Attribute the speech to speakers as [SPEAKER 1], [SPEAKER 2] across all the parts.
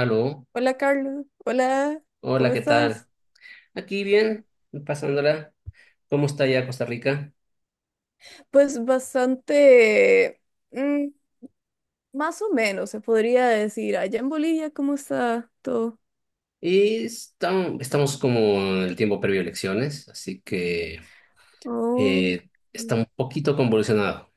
[SPEAKER 1] Aló,
[SPEAKER 2] Hola Carlos, hola,
[SPEAKER 1] hola,
[SPEAKER 2] ¿cómo
[SPEAKER 1] ¿qué tal?
[SPEAKER 2] estás?
[SPEAKER 1] Aquí bien, pasándola. ¿Cómo está ya Costa Rica?
[SPEAKER 2] Pues bastante, mm, más o menos se podría decir. Allá en Bolivia, ¿cómo está todo?
[SPEAKER 1] Y Estamos como en el tiempo previo a elecciones, así que
[SPEAKER 2] Oh.
[SPEAKER 1] eh, está un poquito convulsionado.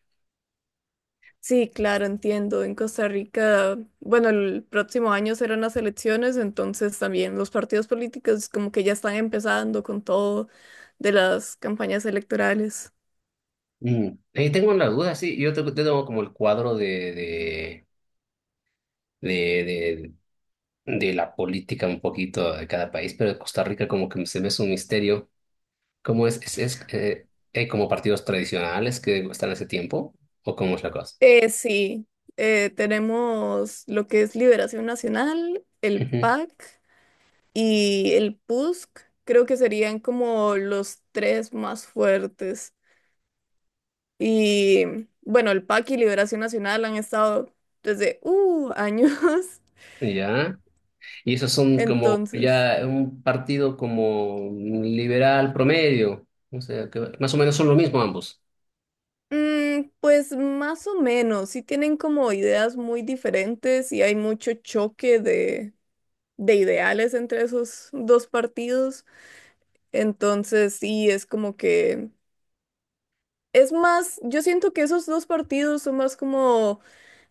[SPEAKER 2] Sí, claro, entiendo. En Costa Rica, bueno, el próximo año serán las elecciones, entonces también los partidos políticos como que ya están empezando con todo de las campañas electorales.
[SPEAKER 1] Mm. Tengo la duda, sí, yo tengo como el cuadro de, de la política un poquito de cada país, pero de Costa Rica como que se me es un misterio. ¿Cómo es? ¿ hay como partidos tradicionales que están hace tiempo? ¿O cómo es la cosa?
[SPEAKER 2] Sí, tenemos lo que es Liberación Nacional, el
[SPEAKER 1] Ujú.
[SPEAKER 2] PAC. Y el Pusk, creo que serían como los tres más fuertes. Y bueno, el PAC y Liberación Nacional han estado desde años.
[SPEAKER 1] Ya. Y esos son como
[SPEAKER 2] Entonces,
[SPEAKER 1] ya un partido como liberal promedio. O sea, que más o menos son lo mismo ambos.
[SPEAKER 2] pues más o menos, sí tienen como ideas muy diferentes y hay mucho choque de ideales entre esos dos partidos. Entonces, sí, es como que es más, yo siento que esos dos partidos son más como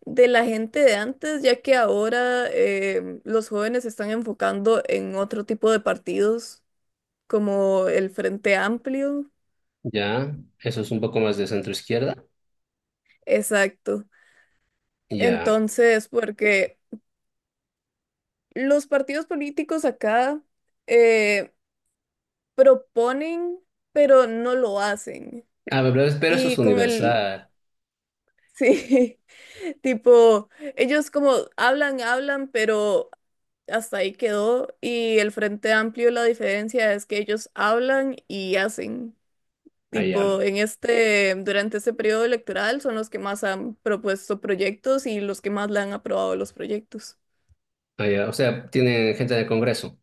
[SPEAKER 2] de la gente de antes, ya que ahora los jóvenes se están enfocando en otro tipo de partidos, como el Frente Amplio.
[SPEAKER 1] Ya, eso es un poco más de centro izquierda.
[SPEAKER 2] Exacto.
[SPEAKER 1] Ya.
[SPEAKER 2] Entonces, porque los partidos políticos acá eh, proponen, pero no lo hacen.
[SPEAKER 1] Ah, pero, pero eso es
[SPEAKER 2] Y con el,
[SPEAKER 1] universal.
[SPEAKER 2] sí, tipo, ellos como hablan, hablan, pero hasta ahí quedó. Y el Frente Amplio, la diferencia es que ellos hablan y hacen. Tipo,
[SPEAKER 1] Allá.
[SPEAKER 2] en este, durante este periodo electoral son los que más han propuesto proyectos y los que más le han aprobado los proyectos.
[SPEAKER 1] Allá. O sea, tiene gente del Congreso.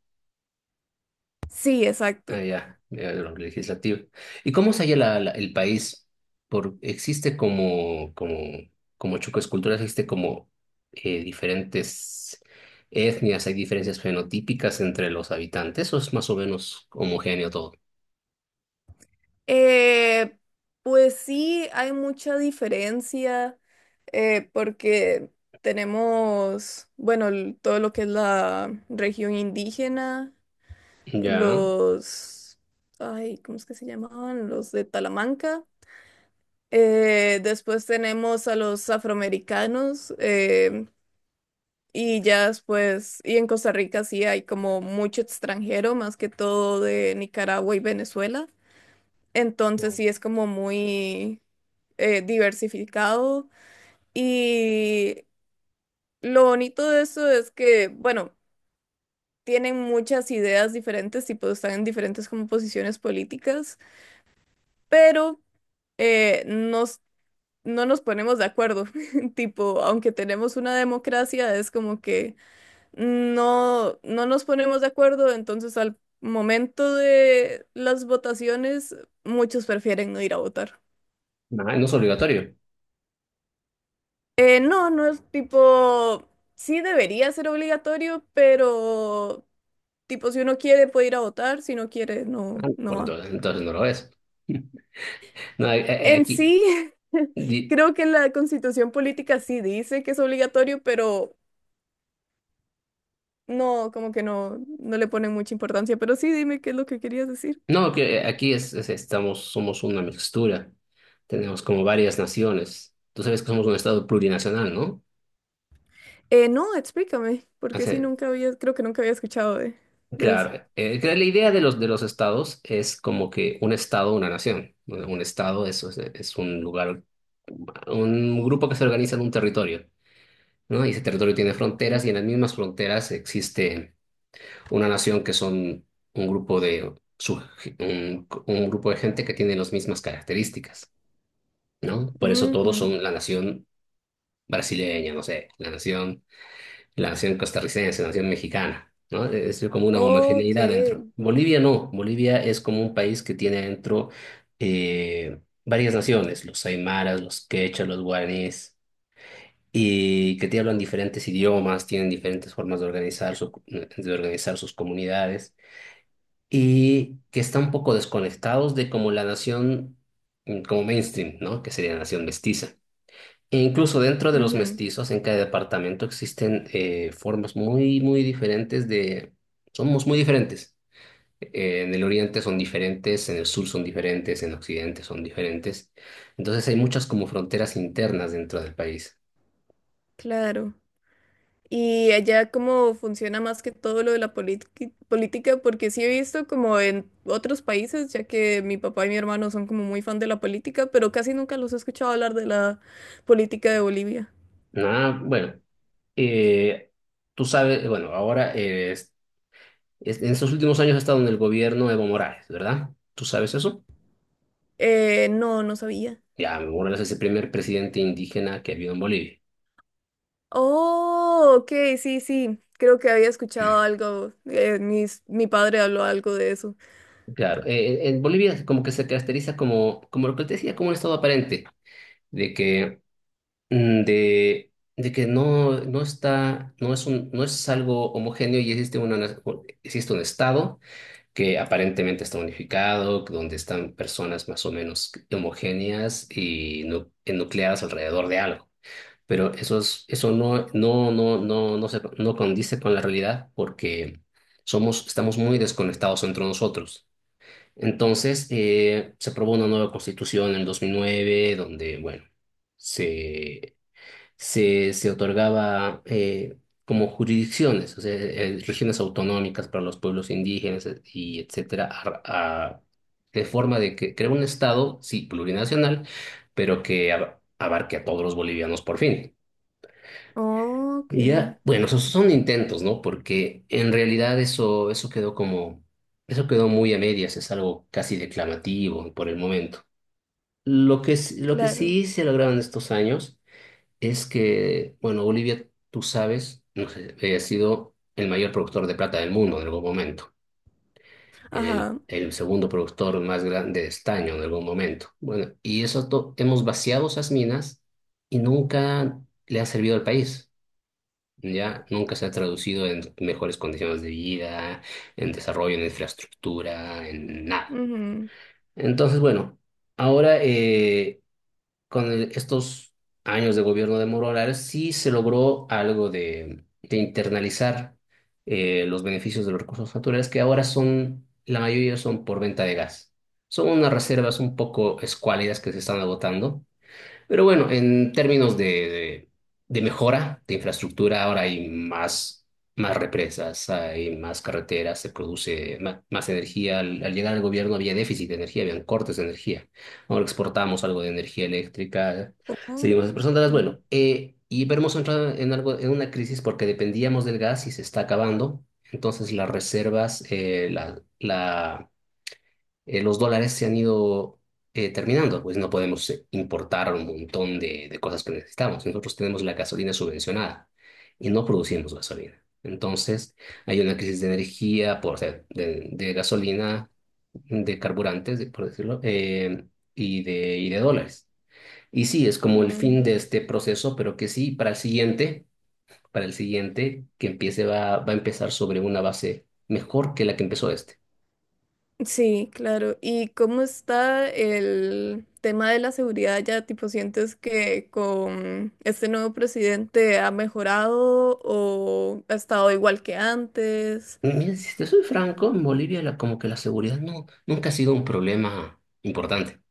[SPEAKER 2] Sí,
[SPEAKER 1] Ah,
[SPEAKER 2] exacto.
[SPEAKER 1] ya, ya, lo legislativo. ¿Y cómo se halla el país? Por, existe como Chucos culturas, existe como diferentes etnias, hay diferencias fenotípicas entre los habitantes, o es más o menos homogéneo todo.
[SPEAKER 2] Eh, pues sí, hay mucha diferencia porque tenemos, bueno, todo lo que es la región indígena
[SPEAKER 1] Ya.
[SPEAKER 2] los, ay, ¿cómo es que se llamaban? Los de Talamanca. Después tenemos a los afroamericanos y ya después, y en Costa Rica sí hay como mucho extranjero, más que todo de Nicaragua y Venezuela. Entonces sí es como muy diversificado y lo bonito de eso es que, bueno, tienen muchas ideas diferentes y pues están en diferentes como posiciones políticas, pero eh, nos, no nos ponemos de acuerdo. Tipo, aunque tenemos una democracia, es como que no nos ponemos de acuerdo, entonces al momento de las votaciones, muchos prefieren no ir a votar.
[SPEAKER 1] Ah, no es obligatorio,
[SPEAKER 2] No, no es tipo, sí debería ser obligatorio, pero tipo, si uno quiere puede ir a votar, si no quiere, no
[SPEAKER 1] por
[SPEAKER 2] va.
[SPEAKER 1] entonces no lo es. No, eh, eh,
[SPEAKER 2] En
[SPEAKER 1] aquí,
[SPEAKER 2] sí,
[SPEAKER 1] di-
[SPEAKER 2] creo que la constitución política sí dice que es obligatorio, pero no, como que no le ponen mucha importancia, pero sí, dime qué es lo que querías decir.
[SPEAKER 1] no, que aquí estamos, somos una mixtura, tenemos como varias naciones. Tú sabes que somos un estado plurinacional, ¿no?
[SPEAKER 2] No, explícame, porque sí, nunca había, creo que nunca había escuchado de eso.
[SPEAKER 1] Claro, que la idea de los estados es como que un estado, una nación. Bueno, un estado es un lugar, un grupo que se organiza en un territorio, ¿no? Y ese territorio tiene fronteras y en las mismas fronteras existe una nación que son un grupo de un grupo de gente que tiene las mismas características, ¿no? Por eso todos
[SPEAKER 2] Ujú.
[SPEAKER 1] son la nación brasileña, no sé, la nación costarricense, la nación mexicana, ¿no? Es decir, como una
[SPEAKER 2] Ok,
[SPEAKER 1] homogeneidad dentro. Bolivia no, Bolivia es como un país que tiene dentro eh, varias naciones, los aymaras, los quechas, los guaraníes, y que te hablan diferentes idiomas, tienen diferentes formas de organizar, de organizar sus comunidades, y que están un poco desconectados de como la nación, mm, como mainstream, ¿no? Que sería la nación mestiza. E incluso dentro de los
[SPEAKER 2] ujú,
[SPEAKER 1] mestizos, en cada departamento existen formas muy, muy diferentes de... Somos muy diferentes. En el oriente son diferentes, en el sur son diferentes, en occidente son diferentes. Entonces hay muchas como fronteras internas dentro del país.
[SPEAKER 2] claro. Y allá cómo funciona más que todo lo de la política, porque sí he visto como en otros países, ya que mi papá y mi hermano son como muy fan de la política, pero casi nunca los he escuchado hablar de la política de Bolivia.
[SPEAKER 1] Ah, bueno, eh, tú sabes, bueno, ahora en estos últimos años ha estado en el gobierno Evo Morales, ¿verdad? ¿Tú sabes eso?
[SPEAKER 2] No, no sabía.
[SPEAKER 1] Ya, Evo Morales es el primer presidente indígena que ha habido en Bolivia.
[SPEAKER 2] Oh, ok, sí, sí. Creo que había escuchado algo. Mi padre habló algo de eso.
[SPEAKER 1] Claro, en Bolivia como que se caracteriza como, como lo que te decía, como un estado aparente, de que, mm, de que no, no está, no es un, no es algo homogéneo y existe existe un estado que aparentemente está unificado, donde están personas más o menos homogéneas y enucleadas alrededor de algo. Pero eso es, eso no condice con la realidad porque somos, estamos muy desconectados entre nosotros. Entonces, se aprobó una nueva constitución en 2009, donde, bueno, se, se otorgaba como jurisdicciones, o sea, regiones autonómicas para los pueblos indígenas, y etcétera, a- de forma de que crear un estado, sí, plurinacional, pero que abarque a todos los bolivianos por fin.
[SPEAKER 2] Oh, ok,
[SPEAKER 1] Y ya, bueno, esos son intentos, ¿no? Porque en realidad eso, eso quedó muy a medias, es algo casi declamativo por el momento. Lo que
[SPEAKER 2] claro.
[SPEAKER 1] sí se lograron estos años es que, bueno, Bolivia, tú sabes, no sé, ha sido el mayor productor de plata del mundo en algún momento,
[SPEAKER 2] Ajá.
[SPEAKER 1] el segundo productor más grande de estaño en algún momento. Bueno, y hemos vaciado esas minas y nunca le ha servido al país. Ya nunca se ha traducido en mejores condiciones de vida, en desarrollo, en infraestructura, en nada.
[SPEAKER 2] Ujú.
[SPEAKER 1] Entonces, bueno, ahora estos años de gobierno de Moro Morales sí se logró algo de internalizar los beneficios de los recursos naturales que ahora son, la mayoría son por venta de gas. Son unas reservas un poco escuálidas que se están agotando, pero bueno, en términos de mejora de infraestructura, ahora hay más, más represas, hay más carreteras, se produce más energía. Al llegar al gobierno había déficit de energía, habían cortes de energía. Ahora exportamos algo de energía eléctrica,
[SPEAKER 2] Oh,
[SPEAKER 1] seguimos exportándolas.
[SPEAKER 2] ok,
[SPEAKER 1] Bueno, pero hemos entrado en algo, en una crisis porque dependíamos del gas y se está acabando. Entonces las reservas, la, la los dólares se han ido terminando, pues no podemos importar un montón de cosas que necesitamos. Nosotros tenemos la gasolina subvencionada y no producimos gasolina. Entonces, hay una crisis de energía, por, o sea, de gasolina, de carburantes, por decirlo, y de dólares. Y sí, es como el fin de
[SPEAKER 2] mm.
[SPEAKER 1] este proceso, pero que sí, para el siguiente, que empiece, va a empezar sobre una base mejor que la que empezó este.
[SPEAKER 2] Sí, claro. ¿Y cómo está el tema de la seguridad ya? Tipo, ¿sientes que con este nuevo presidente ha mejorado o ha estado igual que antes?
[SPEAKER 1] Mira, si te soy franco, en Bolivia como que la seguridad no, nunca ha sido un problema importante.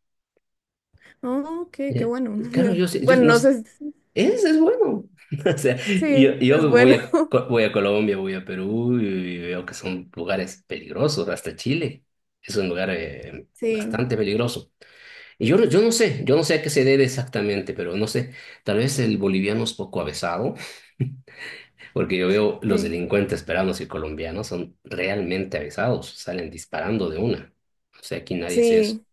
[SPEAKER 2] Oh, ok, qué
[SPEAKER 1] Eh,
[SPEAKER 2] bueno.
[SPEAKER 1] claro, yo, sé- yo
[SPEAKER 2] Bueno,
[SPEAKER 1] no
[SPEAKER 2] no
[SPEAKER 1] s-
[SPEAKER 2] sé.
[SPEAKER 1] Es bueno. O sea,
[SPEAKER 2] Sí, es
[SPEAKER 1] yo voy
[SPEAKER 2] bueno.
[SPEAKER 1] a, Voy a Colombia, voy a Perú y veo que son lugares peligrosos, hasta Chile es un lugar
[SPEAKER 2] Sí,
[SPEAKER 1] bastante peligroso. Y yo no sé a qué se debe exactamente, pero no sé, tal vez el boliviano es poco avesado. Porque yo veo los
[SPEAKER 2] sí,
[SPEAKER 1] delincuentes peruanos y colombianos son realmente avisados, salen disparando de una. O sea, aquí nadie hace eso.
[SPEAKER 2] sí.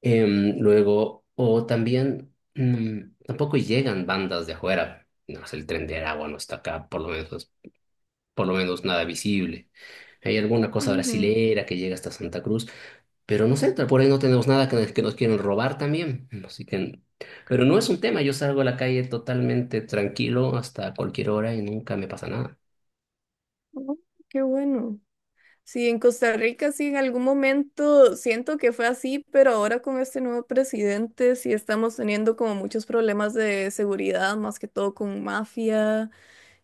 [SPEAKER 1] Luego, o también, mm, tampoco llegan bandas de afuera. No sé, el Tren de Aragua no está acá, por lo menos nada visible. Hay alguna cosa
[SPEAKER 2] Ujú.
[SPEAKER 1] brasilera que llega hasta Santa Cruz, pero no sé, por ahí no tenemos nada que, que nos quieren robar también. Así que, pero no es un tema, yo salgo a la calle totalmente tranquilo hasta cualquier hora y nunca me pasa nada.
[SPEAKER 2] Oh, qué bueno. Sí, en Costa Rica sí, en algún momento siento que fue así, pero ahora con este nuevo presidente sí estamos teniendo como muchos problemas de seguridad, más que todo con mafia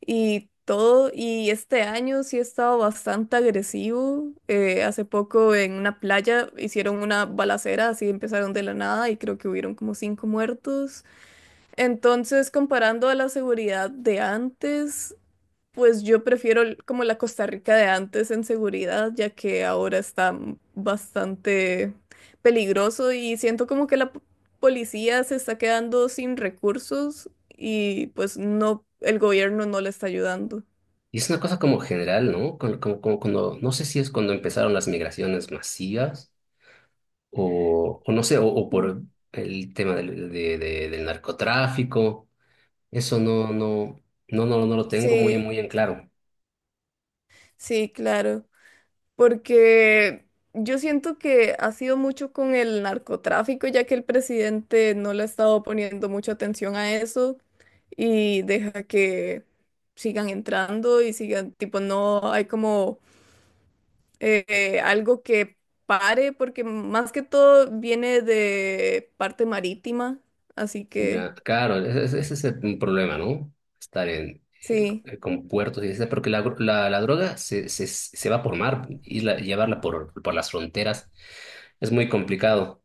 [SPEAKER 2] y todo. Y este año sí ha estado bastante agresivo. Hace poco en una playa hicieron una balacera, así empezaron de la nada y creo que hubieron como cinco muertos. Entonces, comparando a la seguridad de antes, pues yo prefiero como la Costa Rica de antes en seguridad, ya que ahora está bastante peligroso y siento como que la policía se está quedando sin recursos y pues no, el gobierno no le está ayudando.
[SPEAKER 1] Y es una cosa como general, ¿no? Como cuando, no sé si es cuando empezaron las migraciones masivas o no sé, o
[SPEAKER 2] Mm.
[SPEAKER 1] por el tema del narcotráfico. Eso no lo tengo muy,
[SPEAKER 2] Sí,
[SPEAKER 1] muy en claro.
[SPEAKER 2] sí, claro. Porque yo siento que ha sido mucho con el narcotráfico, ya que el presidente no le ha estado poniendo mucha atención a eso y deja que sigan entrando y sigan, tipo, no hay como algo que pare, porque más que todo viene de parte marítima, así que
[SPEAKER 1] Ya, claro, ese es el problema, ¿no? Estar en,
[SPEAKER 2] sí,
[SPEAKER 1] con puertos y eso, porque la droga se va por mar y llevarla por las fronteras es muy complicado.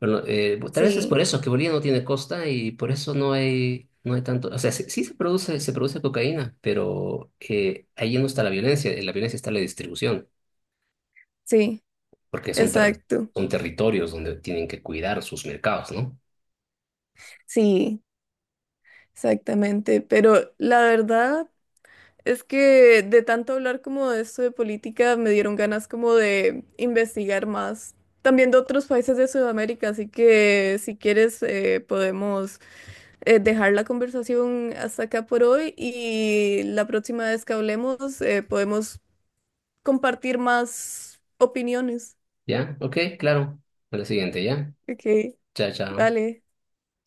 [SPEAKER 1] Bueno, tal vez es por
[SPEAKER 2] sí,
[SPEAKER 1] eso que Bolivia no tiene costa y por eso no hay, no hay tanto. O sea, sí, sí se produce cocaína, pero ahí no está la violencia. En la violencia está la distribución,
[SPEAKER 2] sí,
[SPEAKER 1] porque
[SPEAKER 2] exacto,
[SPEAKER 1] son territorios donde tienen que cuidar sus mercados, ¿no?
[SPEAKER 2] sí, exactamente, pero la verdad... Es que de tanto hablar como de esto de política me dieron ganas como de investigar más. También de otros países de Sudamérica, así que si quieres podemos dejar la conversación hasta acá por hoy y la próxima vez que hablemos podemos compartir más opiniones.
[SPEAKER 1] ¿Ya? Ok, claro. A la siguiente, ¿ya?
[SPEAKER 2] Ok,
[SPEAKER 1] Chao, chao.
[SPEAKER 2] vale.